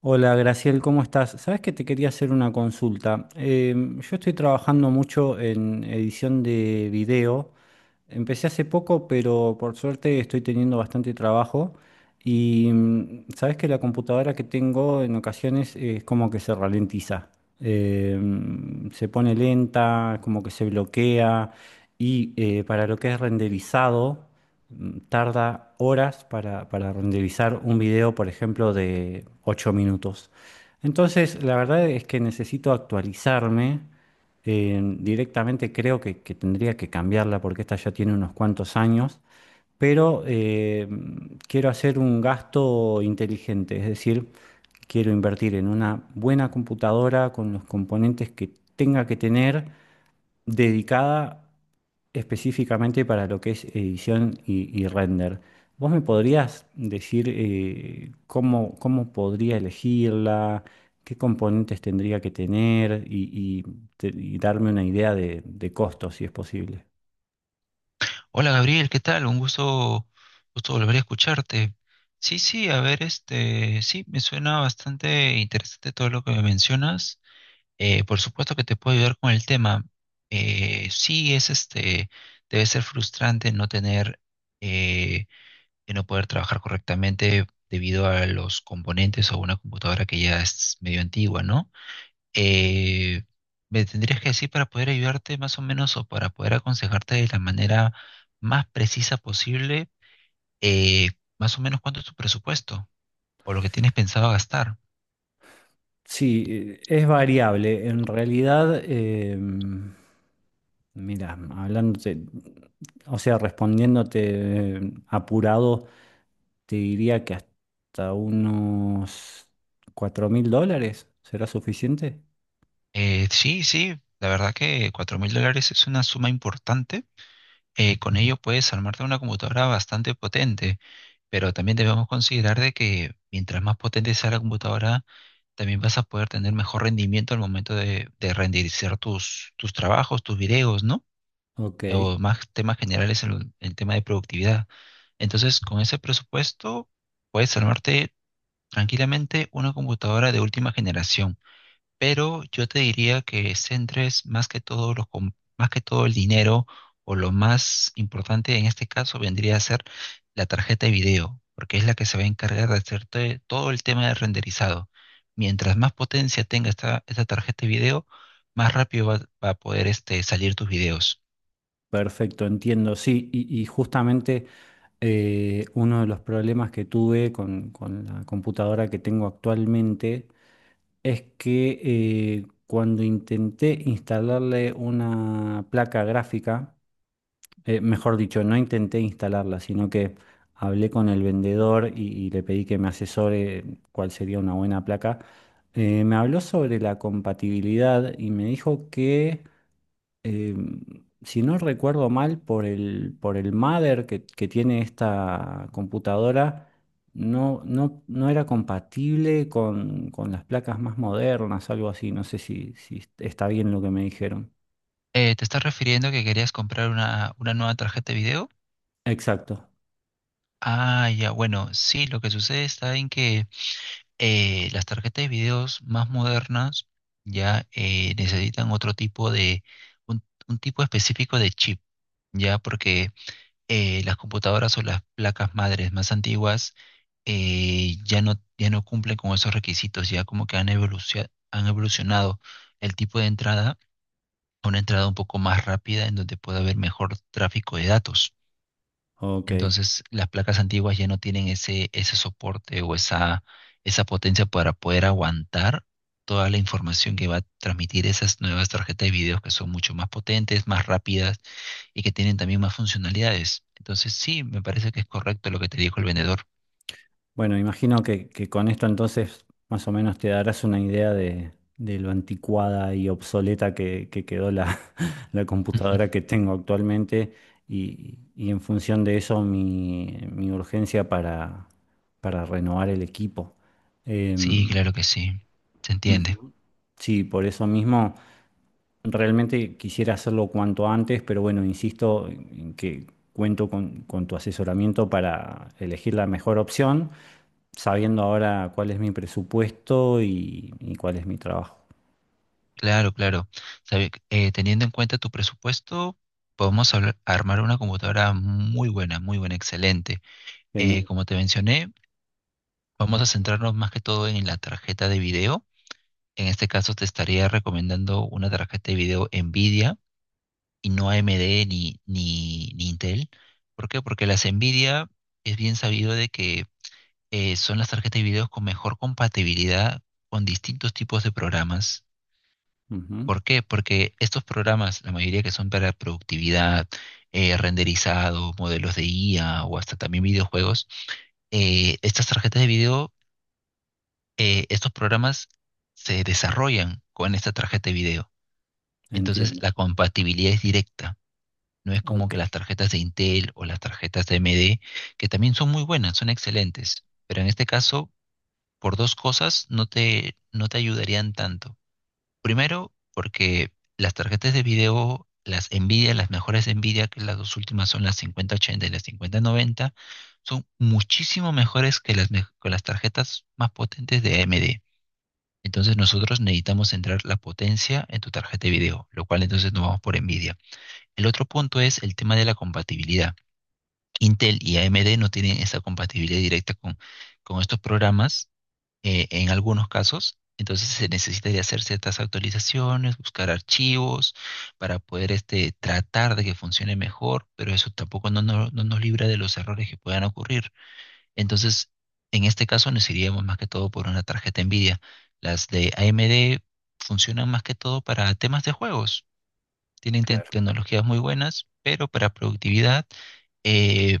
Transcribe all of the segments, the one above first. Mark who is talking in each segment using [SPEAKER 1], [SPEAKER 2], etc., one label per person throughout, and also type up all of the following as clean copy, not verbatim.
[SPEAKER 1] Hola, Graciel, ¿cómo estás? Sabes que te quería hacer una consulta. Yo estoy trabajando mucho en edición de video. Empecé hace poco, pero por suerte estoy teniendo bastante trabajo. Y sabes que la computadora que tengo en ocasiones es como que se ralentiza. Se pone lenta, como que se bloquea. Y para lo que es renderizado tarda horas para renderizar un video, por ejemplo, de 8 minutos. Entonces, la verdad es que necesito actualizarme. Directamente creo que tendría que cambiarla porque esta ya tiene unos cuantos años, pero quiero hacer un gasto inteligente, es decir, quiero invertir en una buena computadora con los componentes que tenga que tener dedicada específicamente para lo que es edición y render. ¿Vos me podrías decir cómo podría elegirla, qué componentes tendría que tener y y darme una idea de costos, si es posible?
[SPEAKER 2] Hola Gabriel, ¿qué tal? Un Gusto volver a escucharte. Sí, sí, a ver, sí, me suena bastante interesante todo lo que me mencionas. Por supuesto que te puedo ayudar con el tema. Sí, es debe ser frustrante no tener, eh, de no poder trabajar correctamente debido a los componentes o una computadora que ya es medio antigua, ¿no? eh, Me tendrías que decir para poder ayudarte más o menos o para poder aconsejarte de la manera más precisa posible, eh, más o menos cuánto es tu presupuesto o lo que tienes pensado gastar.
[SPEAKER 1] Sí, es variable. En realidad, mira, hablándote, o sea, respondiéndote apurado. Te diría que hasta unos 4.000 dólares será suficiente.
[SPEAKER 2] Sí, sí, la verdad que cuatro mil dólares es una suma importante. Con ello puedes armarte una computadora bastante potente, pero también debemos considerar de que mientras más potente sea la computadora, también vas a poder tener mejor rendimiento al momento de renderizar tus trabajos, tus videos, ¿no?
[SPEAKER 1] Ok,
[SPEAKER 2] O más temas generales en el tema de productividad. Entonces, con ese presupuesto puedes armarte tranquilamente una computadora de última generación, pero yo te diría que centres más que todo más que todo el dinero o lo más importante en este caso vendría a ser la tarjeta de video, porque es la que se va a encargar de hacerte todo el tema de renderizado. Mientras más potencia tenga esta tarjeta de video, más rápido va a poder salir tus videos.
[SPEAKER 1] perfecto, entiendo. Sí, y justamente uno de los problemas que tuve con la computadora que tengo actualmente es que cuando intenté instalarle una placa gráfica, mejor dicho, no intenté instalarla, sino que hablé con el vendedor y le pedí que me asesore cuál sería una buena placa. Me habló sobre la compatibilidad y me dijo que, eh, si no recuerdo mal, por el mother que tiene esta computadora, no, no, no era compatible con las placas más modernas, algo así. No sé si está bien lo que me dijeron.
[SPEAKER 2] ¿Te estás refiriendo que querías comprar una nueva tarjeta de video?
[SPEAKER 1] Exacto.
[SPEAKER 2] Ah, ya, bueno, sí, lo que sucede está en que las tarjetas de videos más modernas ya necesitan otro tipo de, un tipo específico de chip, ya porque las computadoras o las placas madres más antiguas ya no, ya no cumplen con esos requisitos, ya como que han evolucionado el tipo de entrada una entrada un poco más rápida en donde pueda haber mejor tráfico de datos.
[SPEAKER 1] Ok.
[SPEAKER 2] Entonces, las placas antiguas ya no tienen ese soporte o esa potencia para poder aguantar toda la información que va a transmitir esas nuevas tarjetas de video que son mucho más potentes, más rápidas y que tienen también más funcionalidades. Entonces, sí, me parece que es correcto lo que te dijo el vendedor.
[SPEAKER 1] Bueno, imagino que con esto entonces más o menos te darás una idea de lo anticuada y obsoleta que quedó la, la computadora que tengo actualmente y en función de eso mi urgencia para renovar el equipo.
[SPEAKER 2] Sí,
[SPEAKER 1] Em,
[SPEAKER 2] claro que sí. Se entiende.
[SPEAKER 1] Ujú, sí, por eso mismo realmente quisiera hacerlo cuanto antes, pero bueno, insisto en que cuento con tu asesoramiento para elegir la mejor opción sabiendo ahora cuál es mi presupuesto y cuál es mi trabajo.
[SPEAKER 2] Claro, claro. Teniendo en cuenta tu presupuesto, podemos armar una computadora muy buena, excelente.
[SPEAKER 1] Genial.
[SPEAKER 2] Como te mencioné, vamos a centrarnos más que todo en la tarjeta de video. En este caso, te estaría recomendando una tarjeta de video Nvidia y no AMD ni Intel. ¿Por qué? Porque las Nvidia es bien sabido de que son las tarjetas de video con mejor compatibilidad con distintos tipos de programas.
[SPEAKER 1] Ujú.
[SPEAKER 2] ¿Por qué? Porque estos programas, la mayoría que son para productividad, renderizado, modelos de IA o hasta también videojuegos, estas tarjetas de video, estos programas se desarrollan con esta tarjeta de video. Entonces
[SPEAKER 1] Entiendo.
[SPEAKER 2] la compatibilidad es directa. No es como
[SPEAKER 1] Ok,
[SPEAKER 2] que las tarjetas de Intel o las tarjetas de AMD, que también son muy buenas, son excelentes, pero en este caso, por dos cosas no te ayudarían tanto. Primero, porque las tarjetas de video, las Nvidia, las mejores Nvidia, que las dos últimas son las 5080 y las 5090, son muchísimo mejores que que las tarjetas más potentes de AMD. Entonces nosotros necesitamos centrar la potencia en tu tarjeta de video, lo cual entonces nos vamos por Nvidia. El otro punto es el tema de la compatibilidad. Intel y AMD no tienen esa compatibilidad directa con estos programas en algunos casos. Entonces se necesitaría hacer ciertas actualizaciones, buscar archivos para poder tratar de que funcione mejor, pero eso tampoco no nos libra de los errores que puedan ocurrir. Entonces, en este caso nos iríamos más que todo por una tarjeta NVIDIA. Las de AMD funcionan más que todo para temas de juegos. Tienen
[SPEAKER 1] claro.
[SPEAKER 2] tecnologías muy buenas, pero para productividad eh,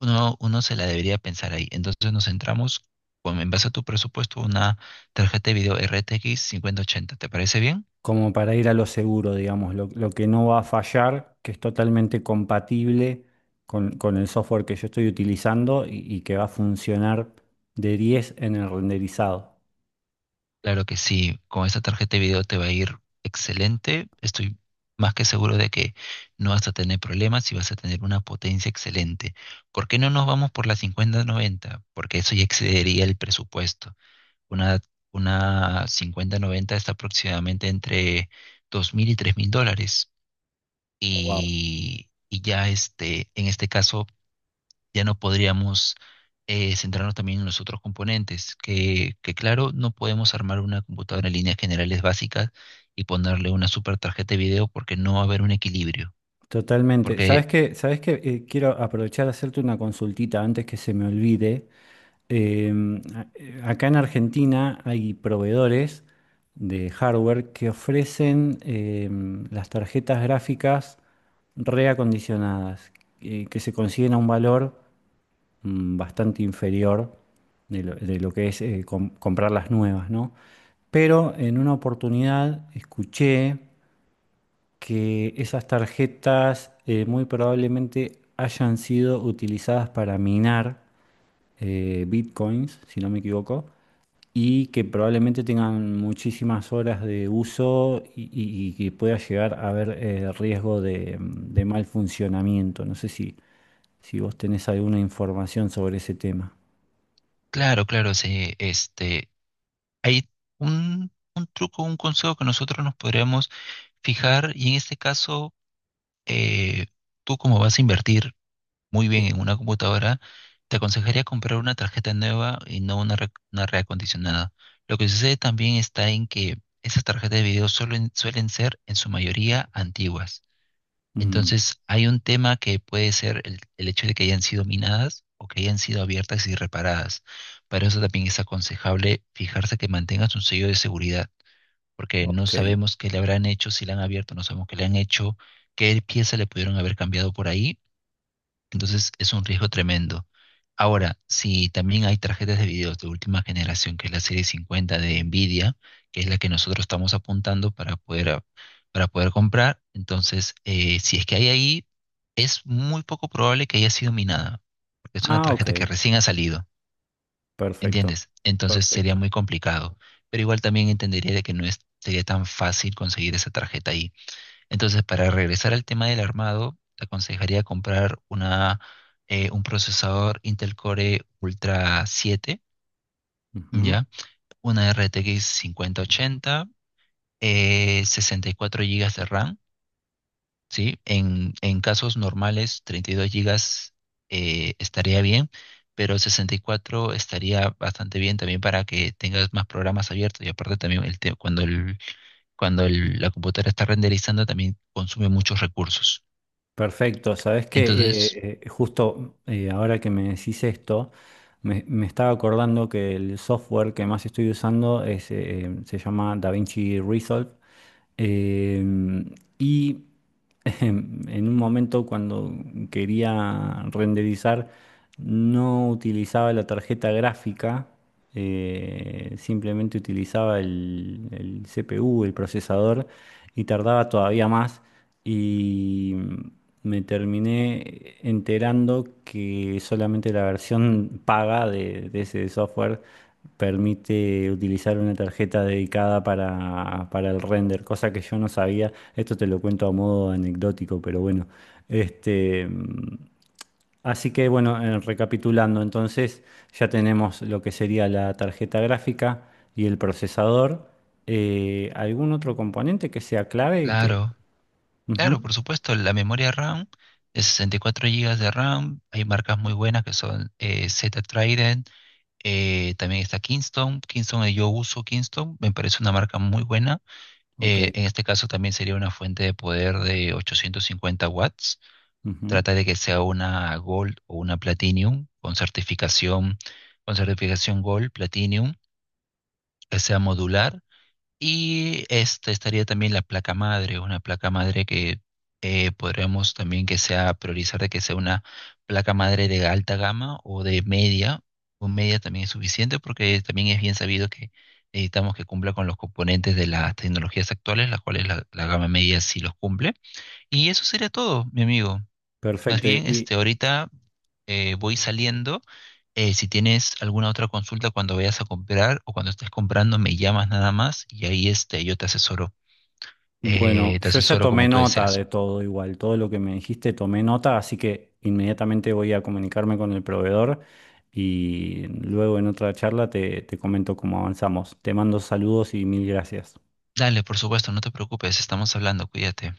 [SPEAKER 2] uno se la debería pensar ahí. Entonces nos centramos en base a tu presupuesto, una tarjeta de video RTX 5080. ¿Te parece bien?
[SPEAKER 1] Como para ir a lo seguro, digamos, lo que no va a fallar, que es totalmente compatible con el software que yo estoy utilizando y que va a funcionar de 10 en el renderizado.
[SPEAKER 2] Claro que sí, con esta tarjeta de video te va a ir excelente. Estoy más que seguro de que no vas a tener problemas y vas a tener una potencia excelente. ¿Por qué no nos vamos por la 5090? Porque eso ya excedería el presupuesto. Una, una 5090 está aproximadamente entre 2.000 y 3.000 dólares.
[SPEAKER 1] Wow.
[SPEAKER 2] Y en este caso ya no podríamos centrarnos también en los otros componentes, que claro, no podemos armar una computadora en líneas generales básicas y ponerle una super tarjeta de video porque no va a haber un equilibrio.
[SPEAKER 1] Totalmente. ¿Sabes
[SPEAKER 2] Porque,
[SPEAKER 1] qué? ¿Sabes qué? Quiero aprovechar a hacerte una consultita antes que se me olvide. Acá en Argentina hay proveedores de hardware que ofrecen las tarjetas gráficas reacondicionadas, que se consiguen a un valor bastante inferior de lo que es comprar las nuevas, ¿no? Pero en una oportunidad escuché que esas tarjetas muy probablemente hayan sido utilizadas para minar bitcoins, si no me equivoco, y que probablemente tengan muchísimas horas de uso y que pueda llegar a haber riesgo de mal funcionamiento. No sé si vos tenés alguna información sobre ese tema.
[SPEAKER 2] claro, claro, hay un truco, un consejo que nosotros nos podríamos fijar y en este caso, eh, tú como vas a invertir, muy bien
[SPEAKER 1] Sí.
[SPEAKER 2] en una computadora, te aconsejaría comprar una tarjeta nueva y no una reacondicionada. Lo que sucede también está en que esas tarjetas de video suelen ser en su mayoría antiguas.
[SPEAKER 1] Mm,
[SPEAKER 2] Entonces, hay un tema que puede ser el hecho de que hayan sido minadas o que hayan sido abiertas y reparadas. Para eso también es aconsejable fijarse que mantengas un sello de seguridad, porque no
[SPEAKER 1] ok.
[SPEAKER 2] sabemos qué le habrán hecho, si la han abierto, no sabemos qué le han hecho, qué pieza le pudieron haber cambiado por ahí, entonces es un riesgo tremendo. Ahora, si también hay tarjetas de video de última generación, que es la serie 50 de Nvidia, que es la que nosotros estamos apuntando para para poder comprar, entonces si es que hay ahí, es muy poco probable que haya sido minada, porque es una
[SPEAKER 1] Ah,
[SPEAKER 2] tarjeta que
[SPEAKER 1] ok.
[SPEAKER 2] recién ha salido,
[SPEAKER 1] Perfecto.
[SPEAKER 2] ¿entiendes? Entonces sería
[SPEAKER 1] Perfecto.
[SPEAKER 2] muy complicado, pero igual también entendería de que no es, sería tan fácil conseguir esa tarjeta ahí. Entonces, para regresar al tema del armado, te aconsejaría comprar un procesador Intel Core Ultra 7,
[SPEAKER 1] Ujú.
[SPEAKER 2] ¿ya? Una RTX 5080, 64 gigas de RAM, ¿sí? En casos normales, 32 gigas estaría bien, pero 64 estaría bastante bien también para que tengas más programas abiertos y aparte también el te- cuando, el, cuando la computadora está renderizando también consume muchos recursos.
[SPEAKER 1] Perfecto, sabes
[SPEAKER 2] Entonces,
[SPEAKER 1] que justo ahora que me decís esto, me estaba acordando que el software que más estoy usando se llama DaVinci Resolve. Em, y en un momento cuando quería renderizar, no utilizaba la tarjeta gráfica, simplemente utilizaba el CPU, el procesador, y tardaba todavía más y me terminé enterando que solamente la versión paga de ese software permite utilizar una tarjeta dedicada para el render, cosa que yo no sabía. Esto te lo cuento a modo anecdótico, pero bueno, este. Así que bueno, recapitulando, entonces ya tenemos lo que sería la tarjeta gráfica y el procesador. ¿Algún otro componente que sea clave y que?
[SPEAKER 2] claro, claro,
[SPEAKER 1] Ujú.
[SPEAKER 2] por supuesto, la memoria RAM es 64 gigas de RAM, hay marcas muy buenas que son Zeta Trident, también está Kingston. Yo uso Kingston, me parece una marca muy buena,
[SPEAKER 1] Ok.
[SPEAKER 2] en este caso también sería una fuente de poder de 850 watts,
[SPEAKER 1] Ujú.
[SPEAKER 2] trata de que sea una Gold o una Platinum con certificación Gold, Platinum, que sea modular y esta estaría también la placa madre, una placa madre que podríamos también que sea priorizar de que sea una placa madre de alta gama o de media, o media también es suficiente porque también es bien sabido que necesitamos que cumpla con los componentes de las tecnologías actuales, las cuales la gama media sí los cumple. Y eso sería todo, mi amigo. Más
[SPEAKER 1] Perfecto.
[SPEAKER 2] bien,
[SPEAKER 1] Y
[SPEAKER 2] ahorita voy saliendo. Si tienes alguna otra consulta cuando vayas a comprar o cuando estés comprando, me llamas nada más y ahí yo te asesoro.
[SPEAKER 1] bueno,
[SPEAKER 2] Te
[SPEAKER 1] yo ya
[SPEAKER 2] asesoro
[SPEAKER 1] tomé
[SPEAKER 2] como tú
[SPEAKER 1] nota de
[SPEAKER 2] deseas.
[SPEAKER 1] todo igual, todo lo que me dijiste, tomé nota, así que inmediatamente voy a comunicarme con el proveedor y luego en otra charla te comento cómo avanzamos. Te mando saludos y mil gracias.
[SPEAKER 2] Dale, por supuesto, no te preocupes, estamos hablando, cuídate.